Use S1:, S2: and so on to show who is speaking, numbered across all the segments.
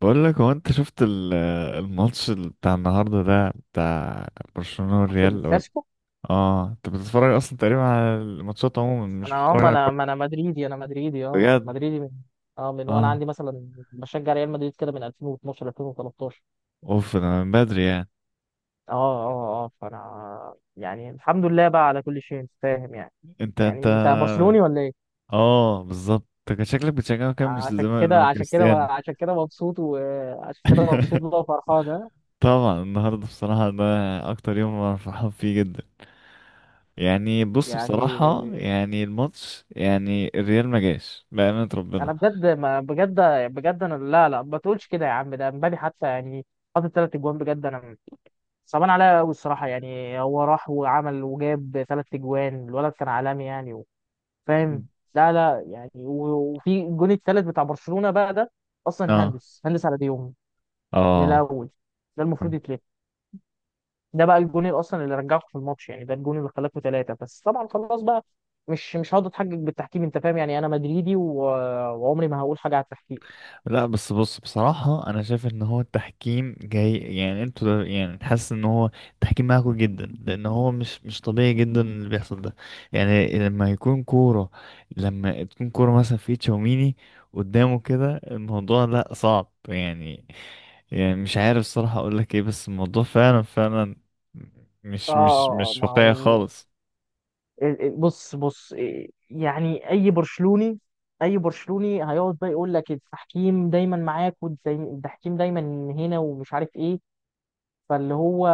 S1: بقول لك، هو انت شفت الماتش بتاع النهارده، ده بتاع برشلونة
S2: ماتش
S1: والريال، ولا؟
S2: الكلاسيكو.
S1: اه، انت بتتفرج اصلا تقريبا على الماتشات، عموما مش
S2: انا اه
S1: بتتفرج
S2: ما
S1: على
S2: انا
S1: الكورة؟
S2: ما انا مدريدي.
S1: بجد؟
S2: مدريدي من وانا
S1: اه،
S2: عندي مثلا بشجع ريال مدريد كده من 2012 2013.
S1: اوف انا من بدري يعني.
S2: فانا يعني الحمد لله بقى على كل شيء، انت فاهم يعني.
S1: انت
S2: يعني انت برشلوني ولا ايه؟
S1: اه، بالظبط. انت كان شكلك بتشجعه، كام مش زمان لما كريستيانو...
S2: عشان كده مبسوط، وعشان كده مبسوط بقى وفرحان، ها؟
S1: طبعا النهارده بصراحة، ده أكتر يوم أنا فرحان فيه جدا. يعني بص،
S2: يعني
S1: بصراحة يعني الماتش، يعني الريال ما جاش، بأمانة ربنا.
S2: انا بجد، ما بجد بجد انا، لا لا ما تقولش كده يا عم. ده امبابي حتى يعني حاطط ثلاث اجوان، بجد انا صعبان عليا قوي الصراحه. يعني هو راح وعمل وجاب ثلاث اجوان، الولد كان عالمي يعني فاهم لا لا يعني وفي الجون الثالث بتاع برشلونه بقى ده اصلا،
S1: اه،
S2: هندس على ديوم من
S1: اه.
S2: الاول. ده المفروض يتلف. ده بقى الجون اللي اصلا اللي رجعكم في الماتش، يعني ده الجون اللي خلاكم ثلاثه، بس طبعا خلاص بقى. مش هقعد اتحجج بالتحكيم، انت فاهم يعني، انا مدريدي وعمري ما هقول حاجه على التحكيم.
S1: لا بس بص، بصراحة أنا شايف إن هو التحكيم جاي، يعني أنتوا يعني حاسس إن هو التحكيم معاكوا جدا، لأن هو مش طبيعي جدا اللي بيحصل ده. يعني لما تكون كورة مثلا في تشاوميني قدامه كده، الموضوع لا صعب يعني. يعني مش عارف صراحة أقولك إيه، بس الموضوع فعلا فعلا مش مش مش
S2: ما
S1: واقعي
S2: هو
S1: خالص.
S2: بص إيه، يعني اي برشلوني، هيقعد بقى يقول لك التحكيم دايما معاك، والتحكيم دايما هنا ومش عارف ايه. فاللي هو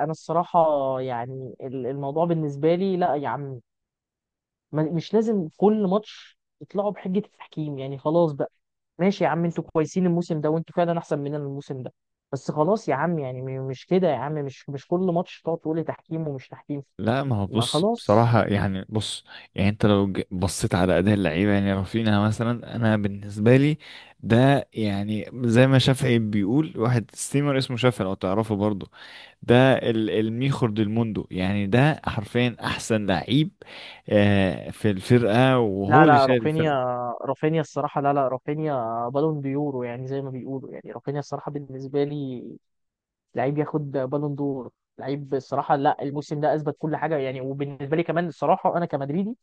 S2: انا الصراحه، يعني الموضوع بالنسبه لي لا يا عم، مش لازم كل ماتش تطلعوا بحجه التحكيم، يعني خلاص بقى. ماشي يا عم، انتوا كويسين الموسم ده، وانتوا فعلا احسن مننا الموسم ده، بس خلاص يا عم. يعني مش كده يا عم، مش كل ماتش تقعد تقول لي تحكيم ومش تحكيم.
S1: لا، ما هو
S2: ما
S1: بص،
S2: خلاص.
S1: بصراحة يعني بص. يعني انت لو بصيت على أداء اللعيبة، يعني رافينها مثلا، أنا بالنسبة لي ده، يعني زي ما شافعي بيقول، واحد ستيمر اسمه شافعي لو تعرفه برضه، ده الميخور ديل موندو، يعني ده حرفيا أحسن لعيب في الفرقة،
S2: لا
S1: وهو اللي
S2: لا
S1: شايل
S2: رافينيا،
S1: الفرقة.
S2: الصراحة لا لا رافينيا بالون ديورو يعني زي ما بيقولوا، يعني رافينيا الصراحة بالنسبة لي لعيب ياخد بالون دور، لعيب الصراحة. لا، الموسم ده أثبت كل حاجة يعني، وبالنسبة لي كمان الصراحة، أنا كمدريدي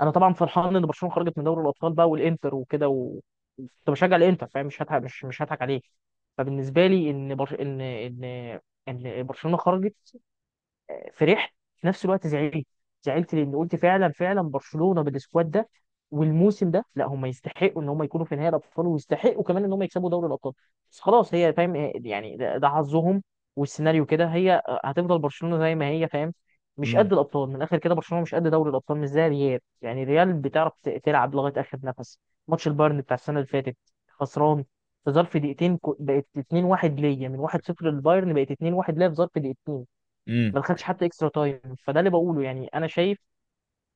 S2: أنا طبعا فرحان إن برشلونة خرجت من دوري الأبطال بقى، والإنتر وكده، و... كنت بشجع الإنتر، فاهم؟ مش هضحك عليك. فبالنسبة لي إن برش... إن إن إن برشلونة خرجت، فرحت. في نفس الوقت زعلت، زعلت لان قلت فعلا فعلا برشلونه بالسكواد ده والموسم ده، لا هم يستحقوا ان هم يكونوا في نهائي الابطال، ويستحقوا كمان ان هم يكسبوا دوري الابطال. بس خلاص، هي فاهم. يعني ده حظهم، والسيناريو كده. هي هتفضل برشلونه زي ما هي، فاهم، مش
S1: امم.
S2: قد الابطال. من الاخر كده برشلونه مش قد دوري الابطال، مش زي ريال. يعني ريال بتعرف تلعب لغايه اخر نفس. ماتش البايرن بتاع السنه اللي فاتت، خسران في ظرف دقيقتين، بقت 2-1 ليا من 1-0 للبايرن، بقت 2-1 ليا في ظرف دقيقتين،
S1: امم.
S2: ما دخلش حتى اكسترا تايم. فده اللي بقوله، يعني انا شايف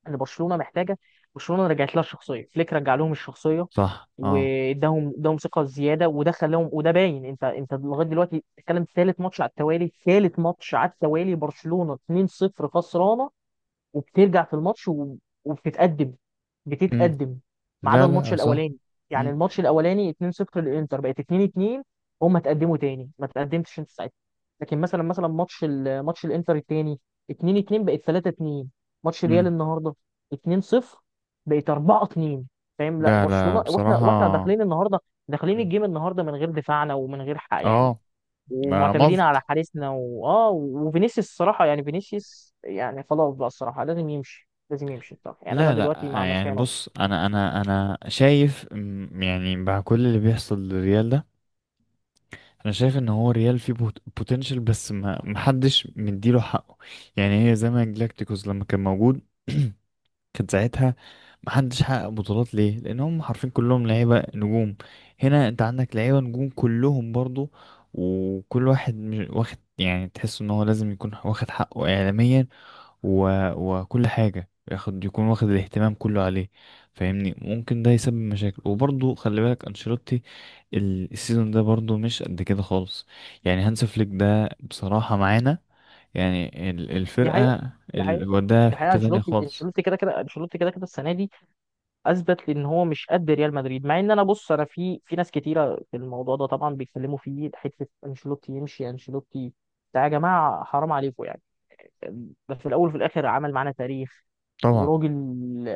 S2: ان برشلونه محتاجه. برشلونه رجعت لها الشخصيه، فليك رجع لهم الشخصيه
S1: صح، اه.
S2: واداهم، اداهم ثقه زياده، وده خلاهم، وده باين. انت لغايه دلوقتي بتتكلم، ثالث ماتش على التوالي، برشلونه 2-0 خسرانه وبترجع في الماتش و... وبتتقدم،
S1: مم.
S2: بتتقدم ما عدا
S1: لا
S2: الماتش
S1: لا، صح.
S2: الاولاني، يعني
S1: امم.
S2: الماتش الاولاني 2-0 للانتر، بقت 2-2، هم اتقدموا تاني، ما اتقدمتش انت ساعتها. لكن مثلا ماتش ماتش الانتر التاني 2-2 بقت 3-2، ماتش ريال
S1: امم.
S2: النهارده 2-0 بقت 4-2، فاهم. لا
S1: لا لا،
S2: برشلونه، واحنا
S1: بصراحة.
S2: واحنا داخلين
S1: امم.
S2: الجيم النهارده من غير دفاعنا، ومن غير حق يعني،
S1: اه. ما
S2: ومعتمدين على
S1: ملط.
S2: حارسنا وفينيسيوس الصراحه، يعني فينيسيوس يعني خلاص بقى الصراحه، لازم يمشي، الصراحه يعني انا
S1: لا
S2: دلوقتي
S1: لا، آه،
S2: مع
S1: يعني
S2: مسانو.
S1: بص. انا شايف يعني مع كل اللي بيحصل للريال ده، انا شايف ان هو ريال فيه بوتنشال، بس ما محدش مديله حقه. يعني هي زي ما جلاكتيكوس لما كان موجود، كان ساعتها محدش حقق بطولات ليه، لان هم حرفيا كلهم لعيبه نجوم. هنا انت عندك لعيبه نجوم كلهم برضو، وكل واحد واخد، يعني تحس ان هو لازم يكون واخد حقه اعلاميا وكل حاجه ياخد، يكون واخد الاهتمام كله عليه. فاهمني، ممكن ده يسبب مشاكل. وبرضو خلي بالك انشيلوتي، السيزون ده برضو مش قد كده خالص. يعني هانس فليك ده بصراحه معانا، يعني
S2: دي حقيقه
S1: الفرقه
S2: دي حقيقه
S1: وداها
S2: دي
S1: في
S2: حقيقه.
S1: حته تانية خالص.
S2: انشيلوتي كده كده السنه دي اثبت لي ان هو مش قد ريال مدريد. مع ان انا بص، انا في ناس كتيره في الموضوع ده طبعا بيتكلموا فيه حته انشيلوتي يمشي، انشيلوتي ده يا جماعه حرام عليكم يعني. بس في الاول وفي الاخر عمل معانا تاريخ،
S1: طبعا.
S2: وراجل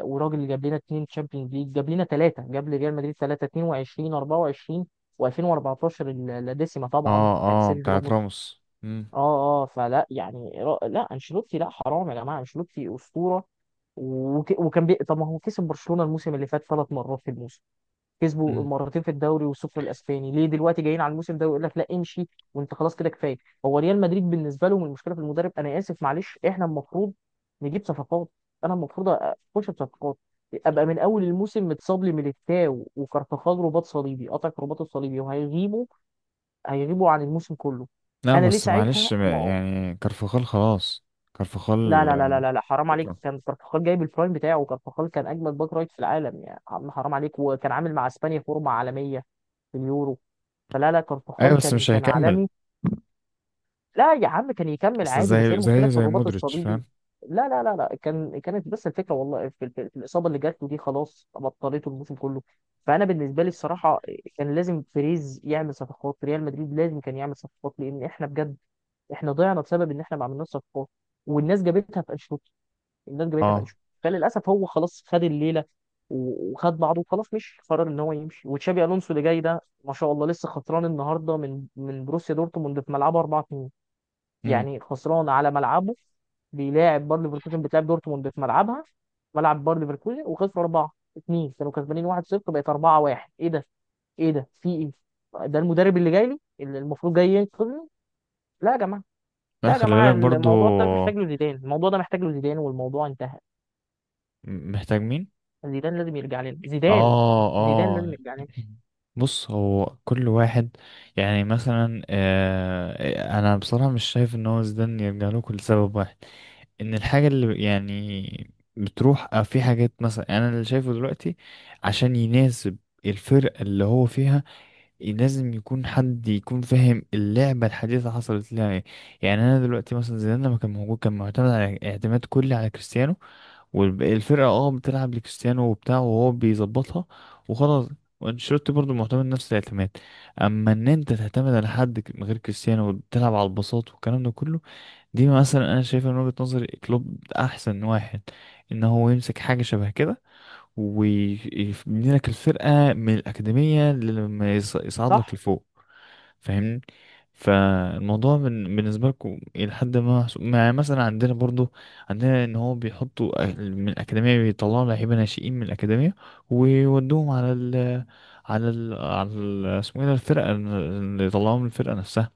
S2: وراجل جاب لنا اتنين تشامبيونز ليج، جاب لنا ثلاثه، جاب لريال مدريد ثلاثه، 22 24 و2014، اللاديسيما طبعا
S1: اه،
S2: بتاعت
S1: اه.
S2: سيرجيو
S1: بتاعت
S2: روبرت.
S1: راموس. مم.
S2: اه فلا يعني لا انشيلوتي، لا حرام يا جماعه، انشيلوتي اسطوره. طب ما هو كسب برشلونه الموسم اللي فات ثلاث مرات في الموسم، كسبوا
S1: مم.
S2: مرتين في الدوري والسوبر الاسباني، ليه دلوقتي جايين على الموسم ده ويقول لك لا امشي وانت خلاص كده كفايه؟ هو ريال مدريد بالنسبه لهم المشكله في المدرب؟ انا اسف معلش، احنا المفروض نجيب صفقات، انا المفروض اخش بصفقات. ابقى من اول الموسم متصاب لي ميليتاو وكارفاخال رباط صليبي، قطع رباطه الصليبي وهيغيبوا، هيغيبوا عن الموسم كله.
S1: لا
S2: انا ليه
S1: بس
S2: ساعتها
S1: معلش بقى،
S2: ما...
S1: يعني كارفخال خلاص.
S2: لا
S1: كارفخال،
S2: لا لا
S1: آه.
S2: لا لا لا، حرام عليك.
S1: شكرا.
S2: كان كارفاخال جايب البرايم بتاعه، وكارفاخال كان اجمد باك رايت في العالم يا عم، حرام عليك. وكان عامل مع اسبانيا فورمه عالميه في اليورو. فلا لا
S1: ايوه
S2: كارفخال
S1: بس مش
S2: كان
S1: هيكمل.
S2: عالمي. لا يا عم، كان يكمل
S1: اصل
S2: عادي، بس هي
S1: زي
S2: المشكله
S1: زي
S2: في
S1: زي
S2: الرباط
S1: مودريتش،
S2: الصليبي.
S1: فاهم؟
S2: لا لا لا لا كانت بس الفكره والله في الاصابه اللي جات له دي، خلاص بطلته الموسم كله. فانا بالنسبه لي الصراحه كان لازم بيريز يعمل صفقات. ريال مدريد لازم كان يعمل صفقات، لان احنا بجد احنا ضيعنا بسبب ان احنا ما عملناش صفقات. والناس جابتها في، الناس جابتها في
S1: اه.
S2: انشيلوتي، فللاسف هو خلاص خد الليله وخد بعضه وخلاص مشي، قرر ان هو يمشي. وتشابي الونسو اللي جاي ده ما شاء الله، لسه خسران النهارده من بروسيا دورتموند في ملعبه 4-2.
S1: امم.
S2: يعني خسران على ملعبه، بيلاعب باير ليفركوزن، بتلعب دورتموند في ملعبها ملعب باير ليفركوزن، وخسروا 4-2، كانوا كسبانين 1-0 بقت 4-1. ايه ده؟ في ايه؟ ده المدرب اللي جاي لي، اللي المفروض جاي ينقذني؟ لا يا جماعه،
S1: لا، خلي بالك برضو.
S2: الموضوع ده محتاج له زيدان والموضوع انتهى.
S1: محتاج مين؟
S2: زيدان لازم يرجع لنا زيدان،
S1: اه،
S2: زيدان لازم
S1: اه.
S2: يرجع لنا
S1: بص، هو كل واحد، يعني مثلا انا بصراحة مش شايف ان هو زيدان يرجع له كل سبب واحد، ان الحاجة اللي يعني بتروح، في حاجات مثلا، يعني انا اللي شايفه دلوقتي، عشان يناسب الفرقة اللي هو فيها، لازم يكون حد يكون فاهم اللعبة الحديثة حصلت لها ايه. يعني انا دلوقتي مثلا زيدان لما كان موجود كان معتمد، على اعتماد كلي على كريستيانو. والفرقة بتلعب لكريستيانو وبتاع، وهو بيظبطها وخلاص. وانشيلوتي برضه معتمد نفس الاعتماد. اما ان انت تعتمد على حد من غير كريستيانو، وبتلعب على البساط والكلام ده كله، دي مثلا انا شايفها من وجهة نظري. كلوب احسن واحد، ان هو يمسك حاجة شبه كده ويبني لك الفرقة من الأكاديمية، لما يصعد لك
S2: صح
S1: لفوق. فاهمني، فالموضوع بالنسبة لكم إلى حد ما محسوب. مع مثلا، عندنا برضو، عندنا إن هو بيحطوا من الأكاديمية، بيطلعوا لعيبة ناشئين من الأكاديمية ويودوهم على ال، اسمه ايه ده، الفرقة اللي يطلعوهم من الفرقة نفسها.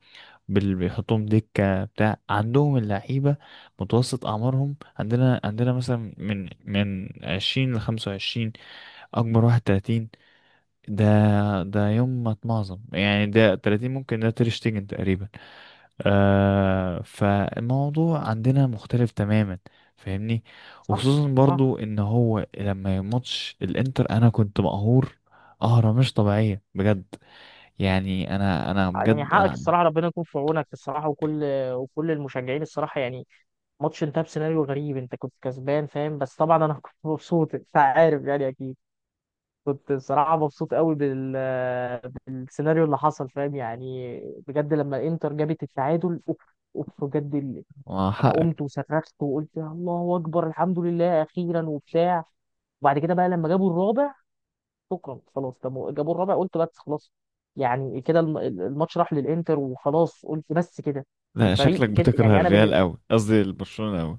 S1: بيحطوهم دكة بتاع عندهم اللعيبة. متوسط أعمارهم عندنا، مثلا من 20 لـ25، أكبر واحد 30. ده ده يوم ما اتمعظم يعني. ده 30، ممكن ده تير شتيجن تقريبا. آه، فالموضوع عندنا مختلف تماما، فاهمني.
S2: صح
S1: وخصوصا
S2: صح.
S1: برضو ان هو لما ماتش الانتر، انا كنت مقهور، قهرة مش طبيعية بجد. يعني انا
S2: يعني
S1: بجد.
S2: حقك الصراحة، ربنا يكون في عونك الصراحة، وكل المشجعين الصراحة يعني. ماتش انتهى بسيناريو غريب، انت كنت كسبان فاهم، بس طبعا انا كنت مبسوط انت عارف يعني، اكيد كنت الصراحة مبسوط قوي بالسيناريو اللي حصل فاهم يعني. بجد لما انتر جابت التعادل، اوف، بجد
S1: أنا...
S2: انا قمت وصرخت وقلت يا الله اكبر، الحمد لله اخيرا وبتاع. وبعد كده بقى لما جابوا الرابع، شكرا خلاص. طب جابوا الرابع، قلت بس خلاص. يعني كده الماتش راح للانتر وخلاص، قلت بس كده.
S1: لا،
S2: الفريق
S1: شكلك
S2: كده
S1: بتكره
S2: يعني انا
S1: الريال
S2: بالنسبه،
S1: قوي، قصدي البرشلونة قوي.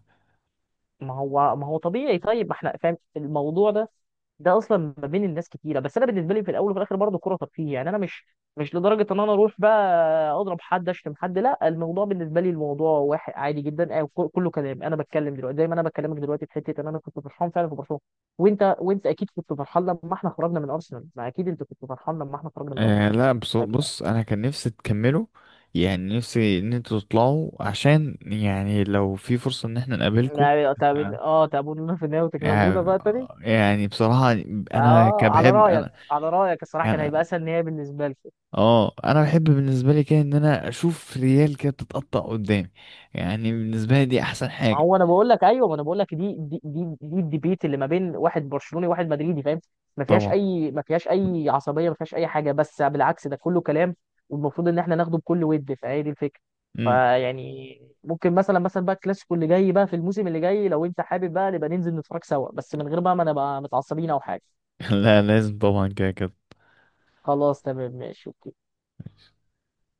S2: ما هو طبيعي. طيب، ما احنا فاهم الموضوع ده ده اصلا ما بين الناس كتيره. بس انا بالنسبه لي في الاول وفي الاخر برضه كوره ترفيه، يعني انا مش، مش لدرجه ان انا اروح بقى اضرب حد اشتم حد، لا. الموضوع بالنسبه لي الموضوع واحد عادي جدا آه، كله كلام. انا بتكلم دلوقتي زي ما انا بكلمك دلوقتي، في حته ان انا كنت فرحان فعلا في برشلونه. وانت اكيد كنت فرحان لما احنا خرجنا من ارسنال، ما اكيد انت كنت فرحان لما احنا خرجنا من ارسنال.
S1: لا بص،
S2: أكيد.
S1: انا كان نفسي تكملوا. يعني نفسي ان انتوا تطلعوا، عشان يعني لو في فرصة ان احنا نقابلكم.
S2: يعني
S1: آه.
S2: تعبونا في النهاية، وتكسبونا
S1: يعني
S2: بقى تاني.
S1: يعني بصراحة، انا
S2: اه،
S1: كبحب انا،
S2: على رايك الصراحه كان هيبقى
S1: يعني
S2: اسهل نهائي بالنسبه لي.
S1: اه انا بحب بالنسبة لي كده ان انا اشوف ريال كده بتتقطع قدامي. يعني بالنسبة لي دي احسن حاجة.
S2: هو انا بقول لك ايوه، ما انا بقول لك، دي الديبيت اللي ما بين واحد برشلوني وواحد مدريدي فاهم.
S1: طبعا.
S2: ما فيهاش اي عصبيه، ما فيهاش اي حاجه، بس بالعكس ده كله كلام. والمفروض ان احنا ناخده بكل ود، فهي دي الفكره.
S1: مم.
S2: فيعني ممكن مثلا بقى الكلاسيكو اللي جاي بقى في الموسم اللي جاي، لو انت حابب بقى نبقى ننزل نتفرج سوا، بس من غير بقى ما نبقى متعصبين او حاجه.
S1: لا لازم، طبعا كده كده.
S2: خلاص تمام ماشي.